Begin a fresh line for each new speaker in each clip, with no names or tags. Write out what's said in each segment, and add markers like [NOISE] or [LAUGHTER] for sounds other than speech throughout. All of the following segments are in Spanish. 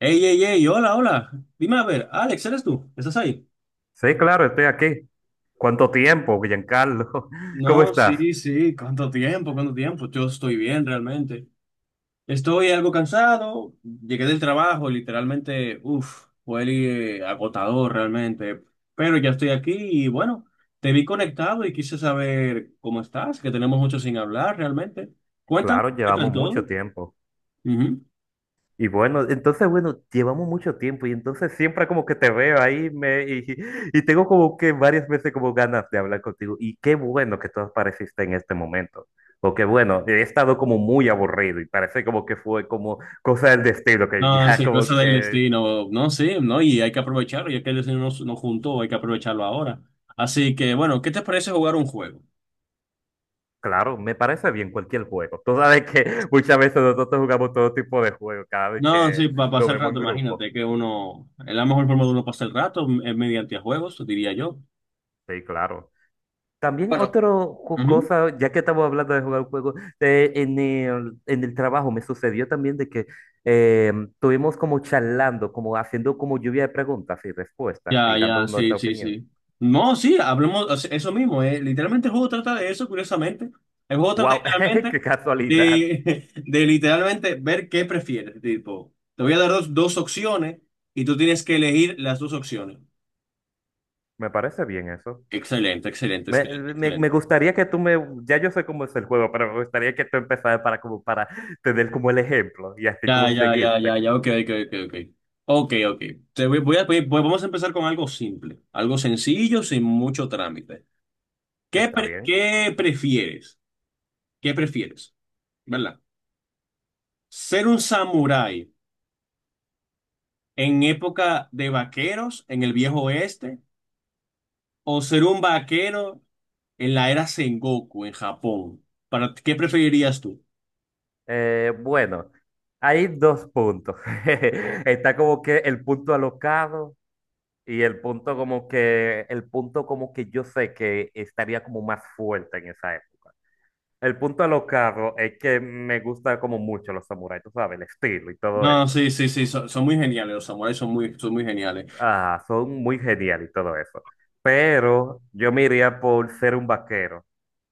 Ey, ey, ey, hola, hola. Dime a ver, Alex, ¿eres tú? ¿Estás ahí?
Sí, claro, estoy aquí. ¿Cuánto tiempo, Giancarlo? [LAUGHS] ¿Cómo
No,
estás?
sí, sí, ¿cuánto tiempo? ¿Cuánto tiempo? Yo estoy bien, realmente. Estoy algo cansado, llegué del trabajo, literalmente, uff, fue agotador realmente, pero ya estoy aquí y bueno, te vi conectado y quise saber cómo estás, que tenemos mucho sin hablar realmente. Cuéntame,
Claro,
¿qué tal
llevamos mucho
todo?
tiempo.
Ujú.
Y bueno, entonces, bueno, llevamos mucho tiempo y entonces siempre como que te veo ahí [LAUGHS] y tengo como que varias veces como ganas de hablar contigo. Y qué bueno que tú apareciste en este momento. Porque bueno, he estado como muy aburrido y parece como que fue como cosa del destino, que
No, es
ya
el
como
cosa del
que
destino. No, sí, no, y hay que aprovecharlo, ya que el destino nos juntó, hay que aprovecharlo ahora. Así que, bueno, ¿qué te parece jugar un juego?
claro, me parece bien cualquier juego. Tú sabes que [LAUGHS] muchas veces nosotros jugamos todo tipo de juegos cada vez
No,
que
sí, para
lo
pasar el
vemos en
rato,
grupo.
imagínate que uno, es la mejor forma de uno pasar el rato es mediante juegos, diría yo.
Sí, claro. También
Bueno,
otra
ujú.
cosa, ya que estamos hablando de jugar juegos, en el trabajo me sucedió también de que estuvimos como charlando, como haciendo como lluvia de preguntas y respuestas y
Ya,
dando
ya, sí,
nuestra
sí,
opinión.
sí. No, sí, hablemos, o sea, eso mismo, Literalmente el juego trata de eso, curiosamente. El juego trata
¡Wow! [LAUGHS] ¡Qué
literalmente
casualidad!
[LAUGHS] de literalmente ver qué prefieres. Tipo, te voy a dar dos opciones y tú tienes que elegir las dos opciones.
Me parece bien eso.
Excelente, excelente,
Me,
excelente,
me
excelente.
gustaría que tú me, ya yo sé cómo es el juego, pero me gustaría que tú empezaras para como para tener como el ejemplo y así
Ya,
como
ya, ya, ya,
seguirte.
ya, ok, ok, ok, ok. Ok, ok. Te voy, voy a pedir- Pues vamos a empezar con algo simple, algo sencillo, sin mucho trámite.
¿Está bien?
¿Qué prefieres? ¿Qué prefieres? ¿Verdad? ¿Ser un samurái en época de vaqueros en el viejo oeste o ser un vaquero en la era Sengoku en Japón? ¿Para qué preferirías tú?
Bueno, hay dos puntos. [LAUGHS] Está como que el punto alocado y el punto como que, el punto como que yo sé que estaría como más fuerte en esa época. El punto alocado es que me gusta como mucho los samuráis, tú sabes, el estilo y todo
No,
eso.
sí, sí, sí, son, son muy geniales, los samuráis son muy geniales.
Ah, son muy geniales y todo eso. Pero yo me iría por ser un vaquero.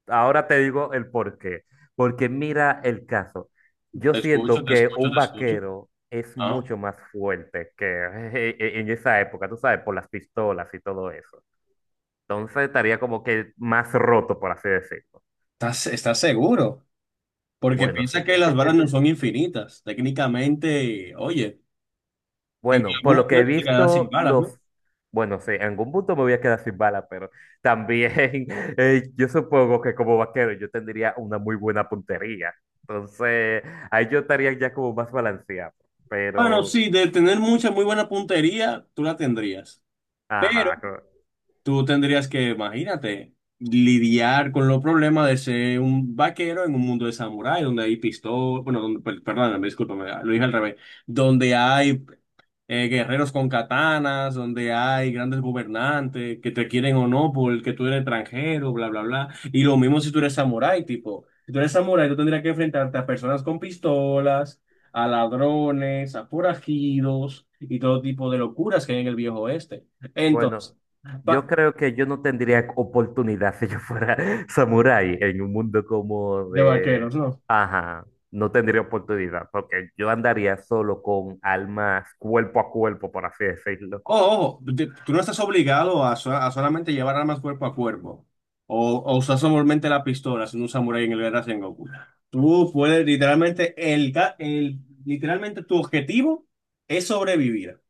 Ahora te digo el por qué. Porque mira el caso. Yo
Te escucho,
siento
te
que
escucho,
un
te escucho.
vaquero es
Ah.
mucho más fuerte que [LAUGHS] en esa época, tú sabes, por las pistolas y todo eso. Entonces estaría como que más roto, por así decirlo.
¿Estás, estás seguro? Porque
Bueno, sí.
piensa que las balas no son infinitas. Técnicamente, oye, en
Bueno, por
algún
lo que he
momento te quedarás sin
visto,
balas, ¿no?
los… Bueno, sí, en algún punto me voy a quedar sin bala, pero también [LAUGHS] yo supongo que como vaquero yo tendría una muy buena puntería. Entonces, ahí yo estaría ya como más balanceado.
Bueno,
Pero,
sí, de tener mucha, muy buena puntería, tú la tendrías. Pero
ajá,
tú tendrías que, imagínate, lidiar con los problemas de ser un vaquero en un mundo de samurái, donde hay pistolas, bueno, perdóname, discúlpame, lo dije al revés, donde hay guerreros con katanas, donde hay grandes gobernantes que te quieren o no porque tú eres extranjero, bla, bla, bla. Y lo mismo si tú eres samurái, tipo, si tú eres samurái, tú tendrías que enfrentarte a personas con pistolas, a ladrones, a forajidos y todo tipo de locuras que hay en el viejo oeste.
bueno,
Entonces,
yo creo que yo no tendría oportunidad [LAUGHS] si yo fuera [LAUGHS] samurái en un mundo como
de
de…
vaqueros, ¿no?
Ajá, no tendría oportunidad, porque yo andaría solo con almas cuerpo a cuerpo, por así decirlo.
Ojo, ojo, tú no estás obligado a solamente llevar armas cuerpo a cuerpo o usar solamente la pistola siendo un samurái en el Guerra Sengoku. Tú puedes literalmente, literalmente tu objetivo es sobrevivir.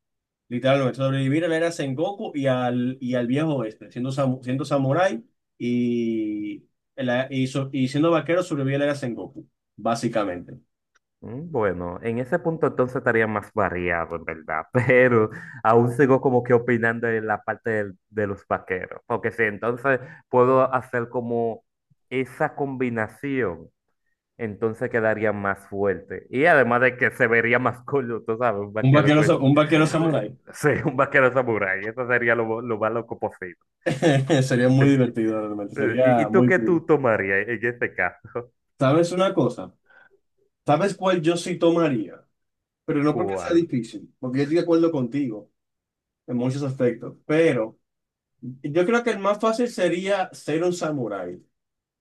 Literalmente, sobrevivir a la Era Sengoku y al viejo oeste, siendo samurái y, y siendo vaquero sobrevivir a la Era Sengoku, básicamente.
Mm, bueno, en ese punto entonces estaría más variado, en verdad, [LAUGHS] pero aún sigo como que opinando en la parte de los vaqueros, porque si entonces puedo hacer como esa combinación, entonces quedaría más fuerte. Y además de que se vería más cool, tú sabes, un
Un
vaquero
vaquero,
pues,
un vaquero samurái.
[LAUGHS] sí, un vaquero samurái, eso sería lo más loco posible.
[LAUGHS] Sería muy
[LAUGHS]
divertido realmente,
¿Y, y
sería
tú
muy
qué
cool.
tú tomarías en este caso?
¿Sabes una cosa? ¿Sabes cuál yo sí tomaría? Pero no porque sea
¿Cuál?
difícil, porque yo estoy de acuerdo contigo en muchos aspectos, pero yo creo que el más fácil sería ser un samurái.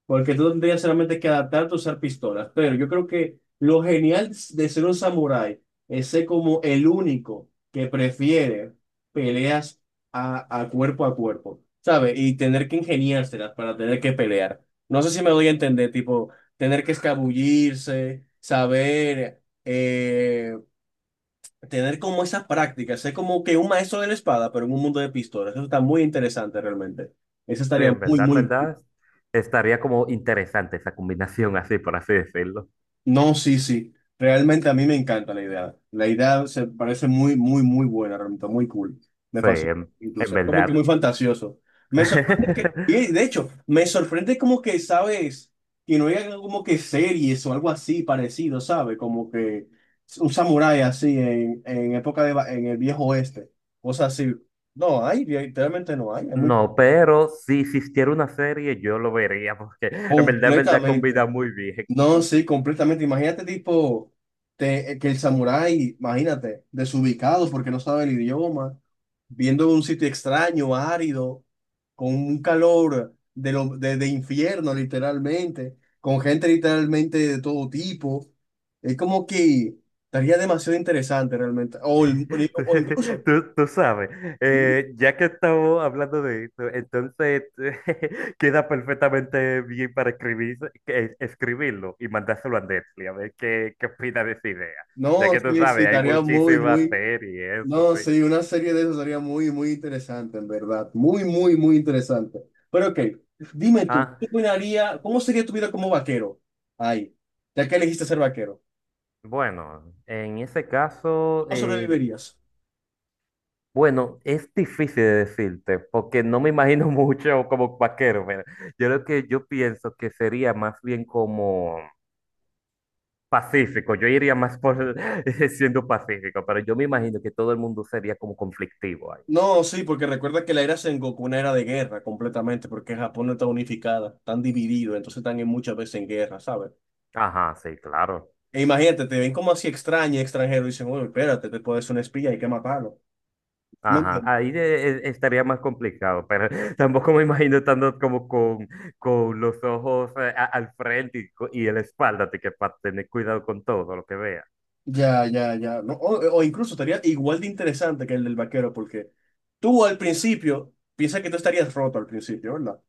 Porque tú tendrías solamente que adaptarte a usar pistolas. Pero yo creo que lo genial de ser un samurái es ser como el único que prefiere peleas a cuerpo, ¿sabes? Y tener que ingeniárselas para tener que pelear. No sé si me doy a entender, tipo, tener que escabullirse, saber, tener como esas prácticas, ser como que un maestro de la espada, pero en un mundo de pistolas. Eso está muy interesante realmente. Eso
Sí,
estaría muy,
en
muy.
verdad, estaría como interesante esa combinación, así por así decirlo.
No, sí, sí. Realmente a mí me encanta la idea. La idea se parece muy, muy, muy buena, realmente muy cool. Me
Sí,
fascina,
en
incluso. Es como que
verdad.
muy fantasioso. Me sorprende que, y de
[LAUGHS]
hecho, me sorprende como que, ¿sabes? Que no haya como que series o algo así parecido, ¿sabes? Como que un samurái así en época de, en el viejo oeste. Cosas así. No hay, literalmente no hay. Es muy
No, pero si existiera una serie, yo lo vería, porque en verdad,
completamente.
combina muy bien.
No,
[LAUGHS]
sí, completamente. Imagínate, tipo, que el samurái, imagínate, desubicado porque no sabe el idioma, viendo un sitio extraño, árido, con un calor de, de infierno, literalmente, con gente literalmente de todo tipo. Es como que estaría demasiado interesante realmente.
Tú,
O incluso,
tú sabes, ya que estamos hablando de esto, entonces [LAUGHS] queda perfectamente bien para escribir, escribirlo y mandárselo a Netflix, a ver qué, qué opina de esa idea. Ya
no,
que tú
sí, sí,
sabes, hay
estaría muy,
muchísimas
muy.
series, eso,
No,
sí.
sí, una serie de eso sería muy, muy interesante, en verdad. Muy, muy, muy interesante. Pero ok, dime tú,
Ah,
¿cómo sería tu vida como vaquero? Ay, ya que elegiste ser vaquero,
bueno, en ese caso,
¿cómo sobrevivirías?
bueno, es difícil de decirte, porque no me imagino [LAUGHS] mucho como vaquero. Mira. Yo lo que yo pienso que sería más bien como pacífico, yo iría más por [LAUGHS] siendo pacífico, pero yo me imagino que todo el mundo sería como conflictivo ahí.
No, sí, porque recuerda que la era Sengoku una era de guerra completamente, porque Japón no está unificada, están divididos, entonces están en muchas veces en guerra, ¿sabes?
Ajá, sí, claro.
E imagínate, te ven como así extraño, extranjero, y dicen, oye, espérate, te puedes ser un espía, hay que matarlo.
Ajá, ahí estaría más complicado, pero [LAUGHS] tampoco me imagino estando como con los ojos al frente y, y en la espalda, así que para tener cuidado con todo lo que vea.
Ya, ya, ya. No, o incluso estaría igual de interesante que el del vaquero, porque tú al principio piensas que tú estarías roto al principio, ¿verdad?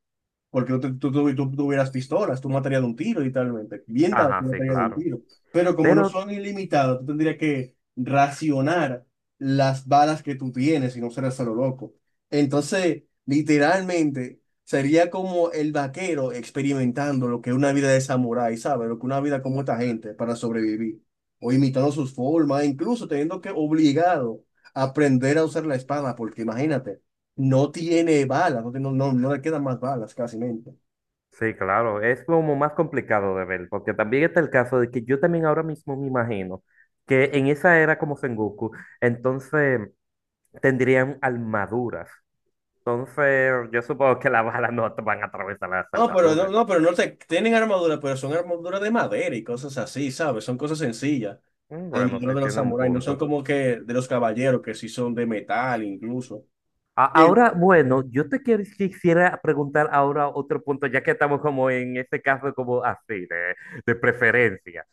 Porque tú, te- tú- tú hubieras pistolas, tú matarías de un tiro, literalmente. Bien dado,
Ajá,
tú
sí,
matarías de un
claro.
tiro. Pero como no
Pero
son ilimitadas, tú tendrías que racionar las balas que tú tienes y no ser solo loco. Entonces, literalmente, sería como el vaquero experimentando lo que es una vida de samurái, ¿sabes? Lo que una vida como esta gente para sobrevivir. O imitando sus formas, incluso teniendo que obligado a aprender a usar la espada, porque imagínate. No tiene balas, no, no, no, no le quedan más balas casi mente.
sí, claro, es como más complicado de ver, porque también está el caso de que yo también ahora mismo me imagino que en esa era como Sengoku, entonces tendrían armaduras. Entonces, yo supongo que las balas no te van a atravesar las
No, pero no,
armaduras.
no, pero no te, tienen armadura, pero son armaduras de madera y cosas así, ¿sabes? Son cosas sencillas.
Mm,
Las
bueno, sí,
armaduras de los
tiene un
samuráis no son
punto.
como que de los caballeros, que sí son de metal incluso.
A-
El,
Ahora, bueno, yo quisiera preguntar ahora otro punto, ya que estamos como en este caso como así, de preferencia.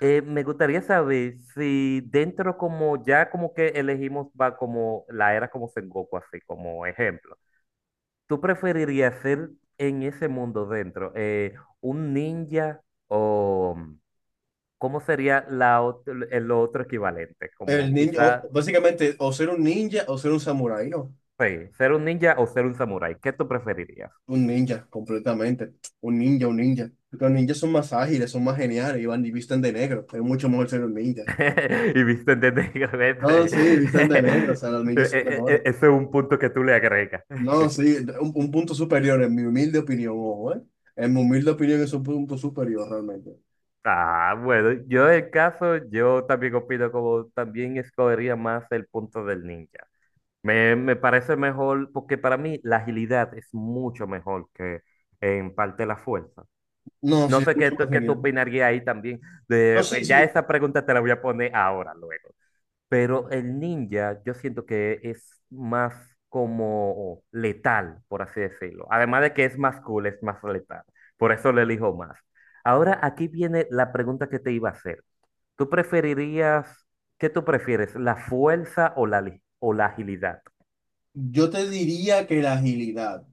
Me gustaría saber si dentro como ya como que elegimos va como la era como Sengoku, así como ejemplo, ¿tú preferirías ser en ese mundo dentro un ninja o cómo sería el otro equivalente?
el
Como
ninja,
quizás,
básicamente, o ser un ninja o ser un samurái, ¿no?
sí, ¿ser un ninja o ser un samurái? ¿Qué tú preferirías?
Un ninja, completamente. Un ninja, un ninja. Los ninjas son más ágiles, son más geniales y van y visten de negro. Es mucho mejor ser un ninja.
[LAUGHS] Y viste, ¿entiendes? Que
No, sí, visten de negro, o
[LAUGHS]
sea, los ninjas son mejores.
[LAUGHS] Ese es un punto que tú le agregas.
No,
[LAUGHS]
sí, un punto superior, en mi humilde opinión, ojo, ¿eh? En mi humilde opinión es un punto superior realmente.
Ah, bueno, yo en caso, yo también opino como también escogería más el punto del ninja. Me parece mejor, porque para mí la agilidad es mucho mejor que en parte la fuerza.
No,
No
sí, es
sé qué,
mucho más
qué tú
genial.
opinarías ahí también.
No, sí,
De,
sí,
ya esa pregunta te la voy a poner ahora, luego. Pero el ninja yo siento que es más como letal, por así decirlo. Además de que es más cool, es más letal. Por eso le elijo más. Ahora aquí viene la pregunta que te iba a hacer. ¿Tú preferirías, qué tú prefieres, la fuerza o la agilidad?
yo te diría que la agilidad,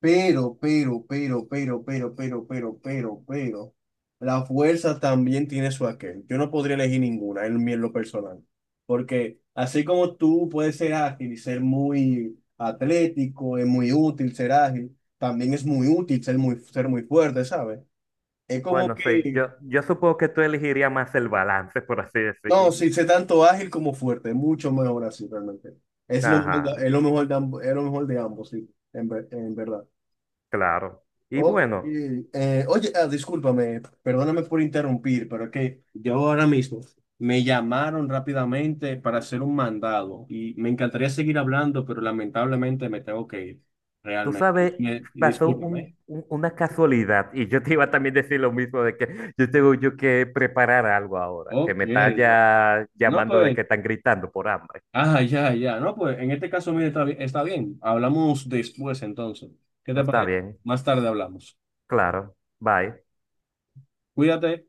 pero, la fuerza también tiene su aquel. Yo no podría elegir ninguna en, en lo personal, porque así como tú puedes ser ágil y ser muy atlético, es muy útil ser ágil, también es muy útil ser muy fuerte, ¿sabes? Es como
Bueno, sí,
que,
yo supongo que tú elegirías más el balance, por así
no,
decirlo.
sí, sé tanto ágil como fuerte, mucho mejor así realmente. Es lo mejor de,
Ajá,
es lo mejor de, es lo mejor de ambos, sí, en, en verdad.
claro. Y
Ok,
bueno.
oye, ah, discúlpame, perdóname por interrumpir, pero es que yo ahora mismo me llamaron rápidamente para hacer un mandado y me encantaría seguir hablando, pero lamentablemente me tengo que ir,
Tú
realmente.
sabes,
Y
pasó
discúlpame.
una casualidad y yo te iba a también decir lo mismo de que yo tengo yo que preparar algo ahora, que
Ok,
me está
no,
ya
no,
llamando de
pues.
que están gritando por hambre.
Ah, ya, ya. No, pues en este caso, mire, está bien. Está bien. Hablamos después entonces. ¿Qué te
Está
parece?
bien,
Más tarde hablamos.
claro, bye.
Cuídate.